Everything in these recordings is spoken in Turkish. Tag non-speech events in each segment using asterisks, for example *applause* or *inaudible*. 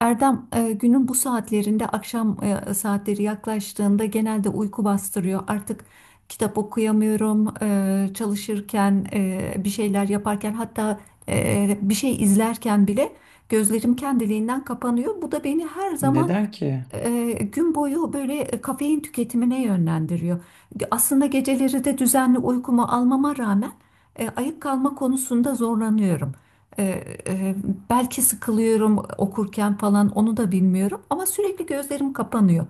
Erdem, günün bu saatlerinde akşam saatleri yaklaştığında genelde uyku bastırıyor. Artık kitap okuyamıyorum, çalışırken, bir şeyler yaparken, hatta bir şey izlerken bile gözlerim kendiliğinden kapanıyor. Bu da beni her zaman Neden ki? Gün boyu böyle kafein tüketimine yönlendiriyor. Aslında geceleri de düzenli uykumu almama rağmen ayık kalma konusunda zorlanıyorum. E, e, belki sıkılıyorum okurken falan, onu da bilmiyorum, ama sürekli gözlerim kapanıyor.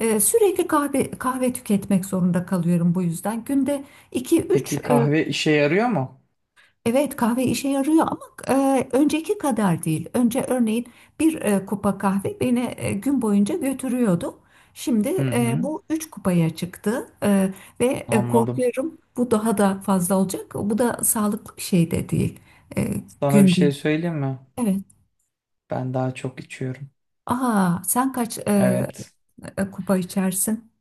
Sürekli kahve kahve tüketmek zorunda kalıyorum bu yüzden. Günde iki Peki üç e, kahve işe yarıyor mu? Evet, kahve işe yarıyor ama önceki kadar değil. Önce örneğin bir kupa kahve beni gün boyunca götürüyordu. Şimdi Hı e, hı, bu üç kupaya çıktı E, Ve anladım. korkuyorum, bu daha da fazla olacak. Bu da sağlıklı bir şey de değil. E, Sana bir Günde. şey söyleyeyim mi? Evet. Ben daha çok içiyorum. Aa, sen kaç Evet. Kupa içersin?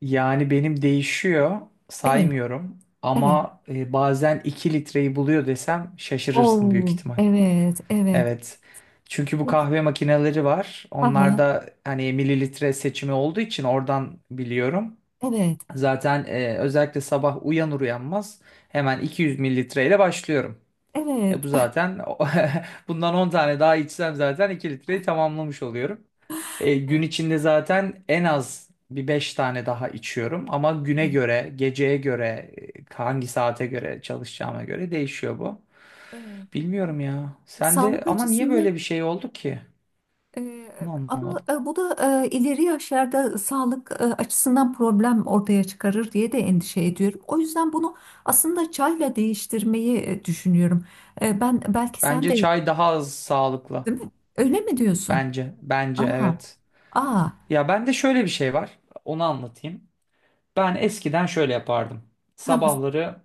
Yani benim değişiyor, Evet, saymıyorum. evet. Ama bazen 2 litreyi buluyor desem şaşırırsın büyük Oo, ihtimal. evet, evet. Evet. Çünkü bu kahve makineleri var. Aha, Onlarda hani mililitre seçimi olduğu için oradan biliyorum. evet, Zaten özellikle sabah uyanır uyanmaz hemen 200 mililitreyle başlıyorum. E evet. bu zaten *laughs* bundan 10 tane daha içsem zaten 2 litreyi tamamlamış oluyorum. *laughs* E, gün içinde zaten en az bir 5 tane daha içiyorum ama güne göre, geceye göre, hangi saate göre çalışacağıma göre değişiyor bu. Evet. Bilmiyorum ya. Sen de Sağlık ama niye açısından. böyle bir şey oldu ki? Ee, Bunu Ama anlamadım. Bu da ileri yaşlarda sağlık açısından problem ortaya çıkarır diye de endişe ediyorum. O yüzden bunu aslında çayla değiştirmeyi düşünüyorum. Ben, belki sen Bence de, çay daha az sağlıklı. değil mi? Öyle mi diyorsun? Bence, bence Aa, evet. aa, Ya bende şöyle bir şey var. Onu anlatayım. Ben eskiden şöyle yapardım. ha, ha, Sabahları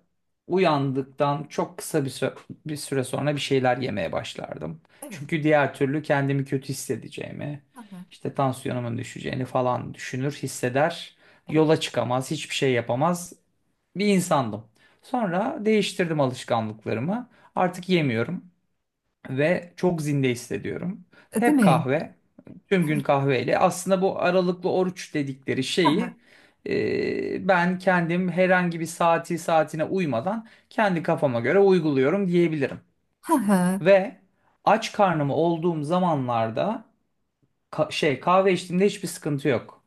uyandıktan çok kısa bir süre, bir süre sonra bir şeyler yemeye başlardım. evet, Çünkü diğer türlü kendimi kötü hissedeceğimi, ha, ha, işte tansiyonumun düşeceğini falan düşünür, hisseder. evet, Yola çıkamaz, hiçbir şey yapamaz bir insandım. Sonra değiştirdim alışkanlıklarımı. Artık yemiyorum ve çok zinde hissediyorum. Değil Hep mi? kahve, tüm gün kahveyle. Aslında bu aralıklı oruç dedikleri Ha, ha, şeyi ben kendim herhangi bir saati saatine uymadan kendi kafama göre uyguluyorum diyebilirim. ha, ha, Ve aç karnım olduğum zamanlarda şey kahve içtiğimde hiçbir sıkıntı yok.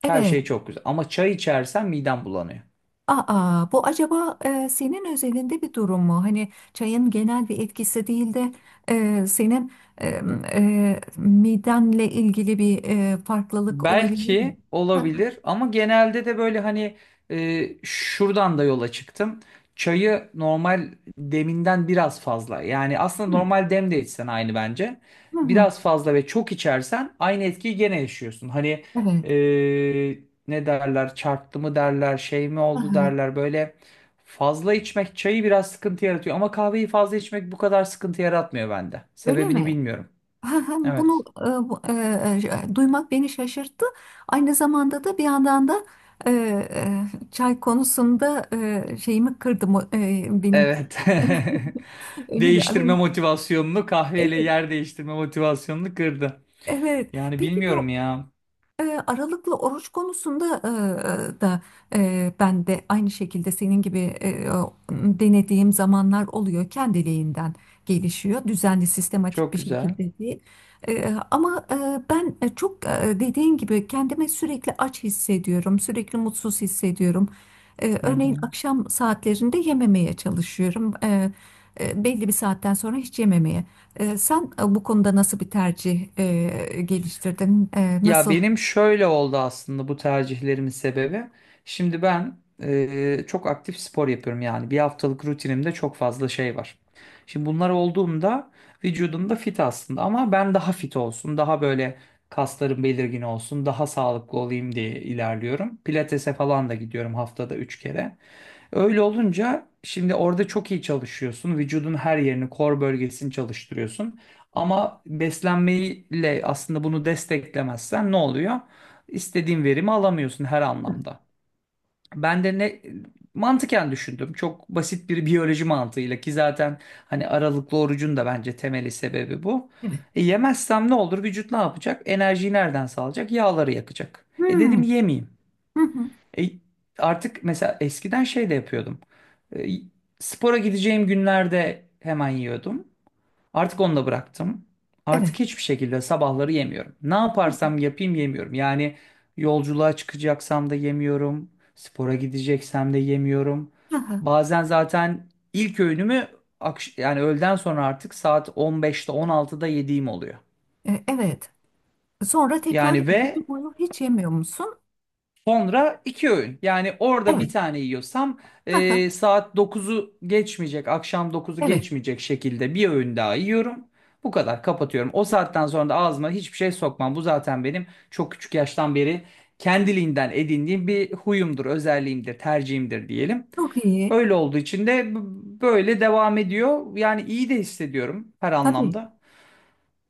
Her evet. şey çok güzel. Ama çay içersem midem bulanıyor. Aa, bu acaba senin özelinde bir durum mu? Hani çayın genel bir etkisi değil de senin e, midenle ilgili bir farklılık olabilir mi? Belki Hı olabilir ama genelde de böyle hani şuradan da yola çıktım. Çayı normal deminden biraz fazla. Yani aslında hı, normal dem de içsen aynı bence. hı hı, Biraz fazla ve çok içersen aynı etkiyi gene yaşıyorsun. Hani evet. e, ne derler çarptı mı derler şey mi Hı oldu hı. derler böyle fazla içmek çayı biraz sıkıntı yaratıyor. Ama kahveyi fazla içmek bu kadar sıkıntı yaratmıyor bende. Öyle Sebebini mi? bilmiyorum. Hı hı. Evet. Bunu duymak beni şaşırttı. Aynı zamanda da, bir yandan da, çay konusunda şeyimi kırdı mı- benim Evet. *laughs* *laughs* öyle bir Değiştirme arayış. motivasyonunu kahveyle Evet, yer değiştirme motivasyonunu kırdı. evet. Yani Peki bilmiyorum bu ya. E, Aralıklı oruç konusunda da ben de aynı şekilde senin gibi denediğim zamanlar oluyor. Kendiliğinden gelişiyor. Düzenli, sistematik Çok bir güzel. şekilde değil. Ama ben çok dediğin gibi kendimi sürekli aç hissediyorum. Sürekli mutsuz hissediyorum. E, Hı örneğin hı. akşam saatlerinde yememeye çalışıyorum. Belli bir saatten sonra hiç yememeye. Sen bu konuda nasıl bir tercih geliştirdin? E, Ya nasıl? benim şöyle oldu aslında bu tercihlerimin sebebi. Şimdi ben çok aktif spor yapıyorum yani bir haftalık rutinimde çok fazla şey var. Şimdi bunlar olduğumda vücudum da fit aslında ama ben daha fit olsun, daha böyle kaslarım belirgin olsun, daha sağlıklı olayım diye ilerliyorum. Pilatese falan da gidiyorum haftada 3 kere. Öyle olunca şimdi orada çok iyi çalışıyorsun. Vücudun her yerini, kor bölgesini çalıştırıyorsun. Ama beslenmeyle aslında bunu desteklemezsen ne oluyor? İstediğin verimi alamıyorsun her anlamda. Ben de ne mantıken düşündüm. Çok basit bir *laughs* biyoloji mantığıyla ki zaten hani aralıklı orucun da bence temeli sebebi bu. Evet. E, yemezsem ne olur? Vücut ne yapacak? Enerjiyi nereden sağlayacak? Yağları yakacak. E Hmm. dedim yemeyeyim. Hı hı. E, artık mesela eskiden şey de yapıyordum. E, spora gideceğim günlerde hemen yiyordum. Artık onu da bıraktım. Evet. Artık hiçbir şekilde sabahları yemiyorum. Ne Hı hı. yaparsam yapayım yemiyorum. Yani yolculuğa çıkacaksam da yemiyorum. Spora gideceksem de yemiyorum. Aha, Bazen zaten ilk öğünümü yani öğleden sonra artık saat 15'te 16'da yediğim oluyor. Evet. Sonra tekrar Yani gece boyu hiç yemiyor musun? sonra iki öğün. Yani orada Evet. bir tane yiyorsam Aha, saat dokuzu geçmeyecek, akşam dokuzu evet. geçmeyecek şekilde bir öğün daha yiyorum. Bu kadar kapatıyorum. O saatten sonra da ağzıma hiçbir şey sokmam. Bu zaten benim çok küçük yaştan beri kendiliğinden edindiğim bir huyumdur, özelliğimdir, tercihimdir diyelim. Çok iyi. Öyle olduğu için de böyle devam ediyor. Yani iyi de hissediyorum her Tabii. anlamda.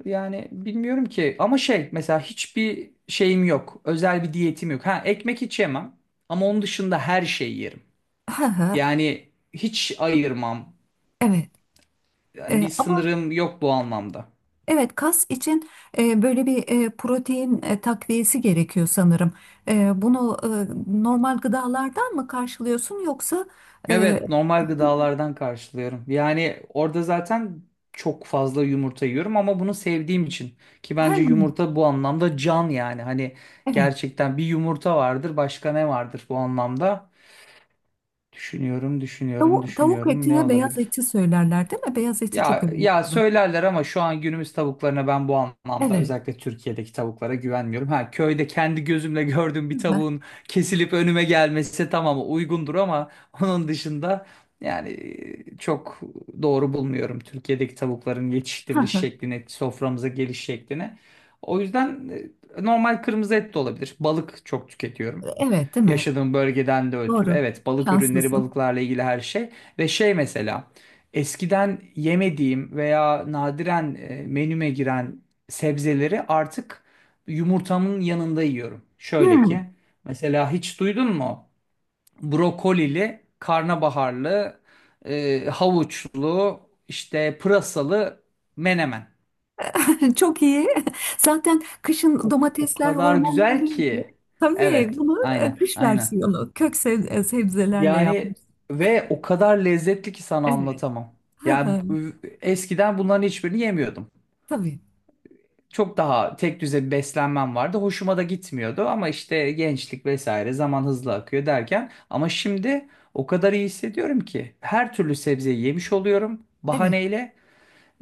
Yani bilmiyorum ki ama şey mesela hiçbir şeyim yok. Özel bir diyetim yok. Ha ekmek hiç yemem ama onun dışında her şeyi yerim. Aha, Yani hiç ayırmam. evet. E, Yani bir ama sınırım yok bu anlamda. evet, kas için böyle bir protein takviyesi gerekiyor sanırım. Bunu normal gıdalardan mı karşılıyorsun, yoksa e, Evet normal gıdalardan karşılıyorum. Yani orada zaten çok fazla yumurta yiyorum ama bunu sevdiğim için. Ki her. bence yumurta bu anlamda can yani. Hani Evet. gerçekten bir yumurta vardır başka ne vardır bu anlamda. Düşünüyorum, düşünüyorum, Tavuk düşünüyorum ne etine beyaz olabilir? eti söylerler, değil mi? Beyaz eti çok Ya önemli ya olan. söylerler ama şu an günümüz tavuklarına ben bu anlamda Evet. özellikle Türkiye'deki tavuklara güvenmiyorum. Ha köyde kendi gözümle gördüğüm bir Aha, tavuğun kesilip önüme gelmesi tamam uygundur ama onun dışında yani çok doğru bulmuyorum Türkiye'deki tavukların yetiştiriliş aha. şeklini, soframıza geliş şeklini. O yüzden normal kırmızı et de olabilir. Balık çok tüketiyorum. Evet, değil mi? Yaşadığım bölgeden de ötürü. Doğru. Evet, balık ürünleri, Şanslısın. balıklarla ilgili her şey. Ve şey mesela, eskiden yemediğim veya nadiren menüme giren sebzeleri artık yumurtamın yanında yiyorum. Şöyle ki, Hmm, mesela hiç duydun mu? Brokolili, karnabaharlı, havuçlu, işte pırasalı menemen. *laughs* çok iyi. *laughs* Zaten kışın O, o domatesler kadar hormonlu güzel oluyor oluyordu. ki. Tabii Evet, bunu aynen, kış aynen. versiyonu, kök sebzelerle yapmış. Yani ve o kadar lezzetli ki sana Evet. anlatamam. *laughs* Hı Yani hı. Eskiden bunların hiçbirini yemiyordum. Tabii. Çok daha tek düze bir beslenmem vardı. Hoşuma da gitmiyordu ama işte gençlik vesaire zaman hızlı akıyor derken ama şimdi o kadar iyi hissediyorum ki her türlü sebzeyi yemiş oluyorum Evet. bahaneyle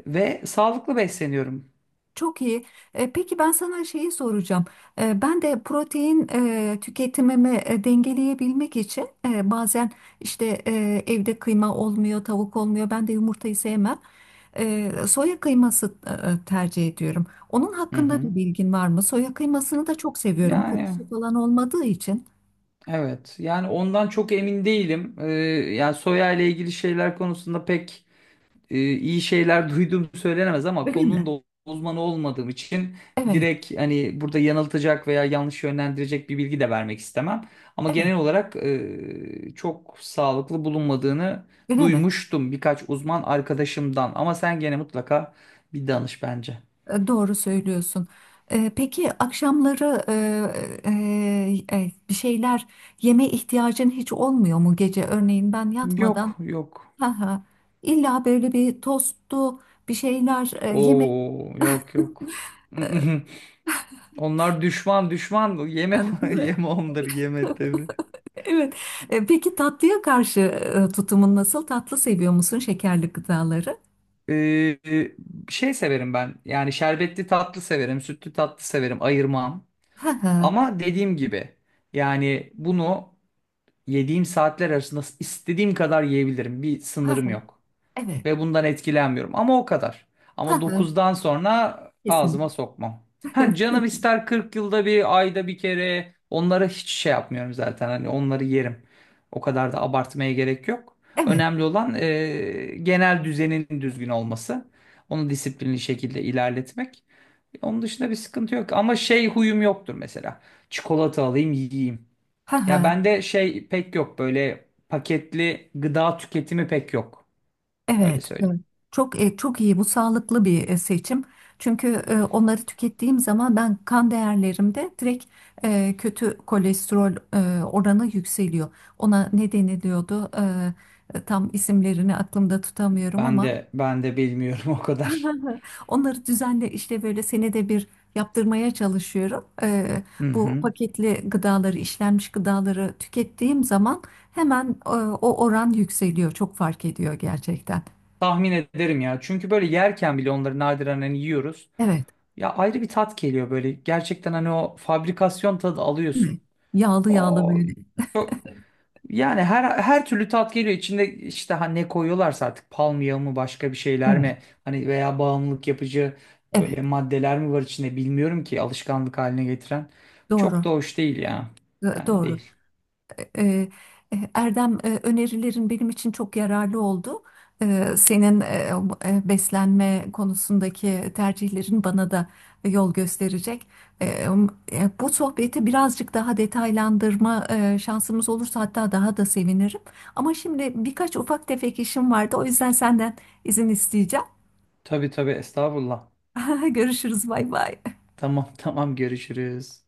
ve sağlıklı besleniyorum. Çok iyi. Peki ben sana şeyi soracağım. Ben de protein tüketimimi dengeleyebilmek için bazen, işte, evde kıyma olmuyor, tavuk olmuyor. Ben de yumurtayı sevmem. Soya kıyması tercih ediyorum. Onun Hı hakkında bir hı. bilgin var mı? Soya kıymasını da çok seviyorum. Yani Kokusu falan olmadığı için. evet yani ondan çok emin değilim. Yani soya ile ilgili şeyler konusunda pek iyi şeyler duyduğum söylenemez ama Öyle konunun mi? da uzmanı olmadığım için Evet, direkt hani burada yanıltacak veya yanlış yönlendirecek bir bilgi de vermek istemem. Ama evet. genel olarak çok sağlıklı bulunmadığını Öyle mi? duymuştum birkaç uzman arkadaşımdan. Ama sen gene mutlaka bir danış bence. Doğru söylüyorsun. Peki akşamları bir şeyler yeme ihtiyacın hiç olmuyor mu gece? Örneğin ben yatmadan, Yok yok. ha ha, illa böyle bir tostlu bir şeyler yeme. Oo yok yok. *laughs* Onlar düşman düşman yeme *laughs* Evet. *laughs* yeme onları yeme tabii. Evet. Peki tatlıya karşı tutumun nasıl? Tatlı seviyor musun, şekerli gıdaları? Ee, şey severim ben. Yani şerbetli tatlı severim, sütlü tatlı severim, ayırmam. Ha ha, Ama dediğim gibi yani bunu yediğim saatler arasında istediğim kadar yiyebilirim. Bir ha sınırım ha. yok. Evet. Ve bundan etkilenmiyorum. Ama o kadar. Ha Ama ha. dokuzdan sonra ağzıma Kesinlikle. sokmam. Ha canım *laughs* ister 40 yılda bir, ayda bir kere. Onlara hiç şey yapmıyorum zaten. Hani onları yerim. O kadar da abartmaya gerek yok. Evet. Önemli olan genel düzenin düzgün olması. Onu disiplinli şekilde ilerletmek. Onun dışında bir sıkıntı yok. Ama şey huyum yoktur mesela. Çikolata alayım yiyeyim. Ha ha. Ya bende şey pek yok böyle paketli gıda tüketimi pek yok. Öyle Evet, söyleyeyim. evet. Çok iyi bu, sağlıklı bir seçim. Çünkü onları tükettiğim zaman ben kan değerlerimde direkt kötü kolesterol oranı yükseliyor. Ona ne deniliyordu? Tam isimlerini aklımda tutamıyorum Ben ama de ben de bilmiyorum *laughs* o kadar. *laughs* onları düzenle işte böyle senede bir yaptırmaya çalışıyorum. E, Hı bu hı. paketli gıdaları, işlenmiş gıdaları tükettiğim zaman hemen o oran yükseliyor. Çok fark ediyor gerçekten. Tahmin ederim ya. Çünkü böyle yerken bile onları nadiren hani yiyoruz. Evet. Ya ayrı bir tat geliyor böyle. Gerçekten hani o fabrikasyon tadı alıyorsun. Evet. Yağlı yağlı O böyle. çok- yani her her türlü tat geliyor. İçinde işte hani ne koyuyorlarsa artık palmiye mı başka bir şeyler Evet, mi hani veya bağımlılık yapıcı evet. böyle maddeler mi var içinde bilmiyorum ki alışkanlık haline getiren. Çok Doğru. da hoş değil ya. Yani Doğru. değil. E, e, Erdem, önerilerin benim için çok yararlı oldu. Senin beslenme konusundaki tercihlerin bana da yol gösterecek. E, um, Bu sohbeti birazcık daha detaylandırma şansımız olursa hatta daha da sevinirim. Ama şimdi birkaç ufak tefek işim vardı. O yüzden senden izin isteyeceğim. Tabii tabii estağfurullah. *laughs* Görüşürüz. Bay bay. Tamam *laughs* tamam görüşürüz.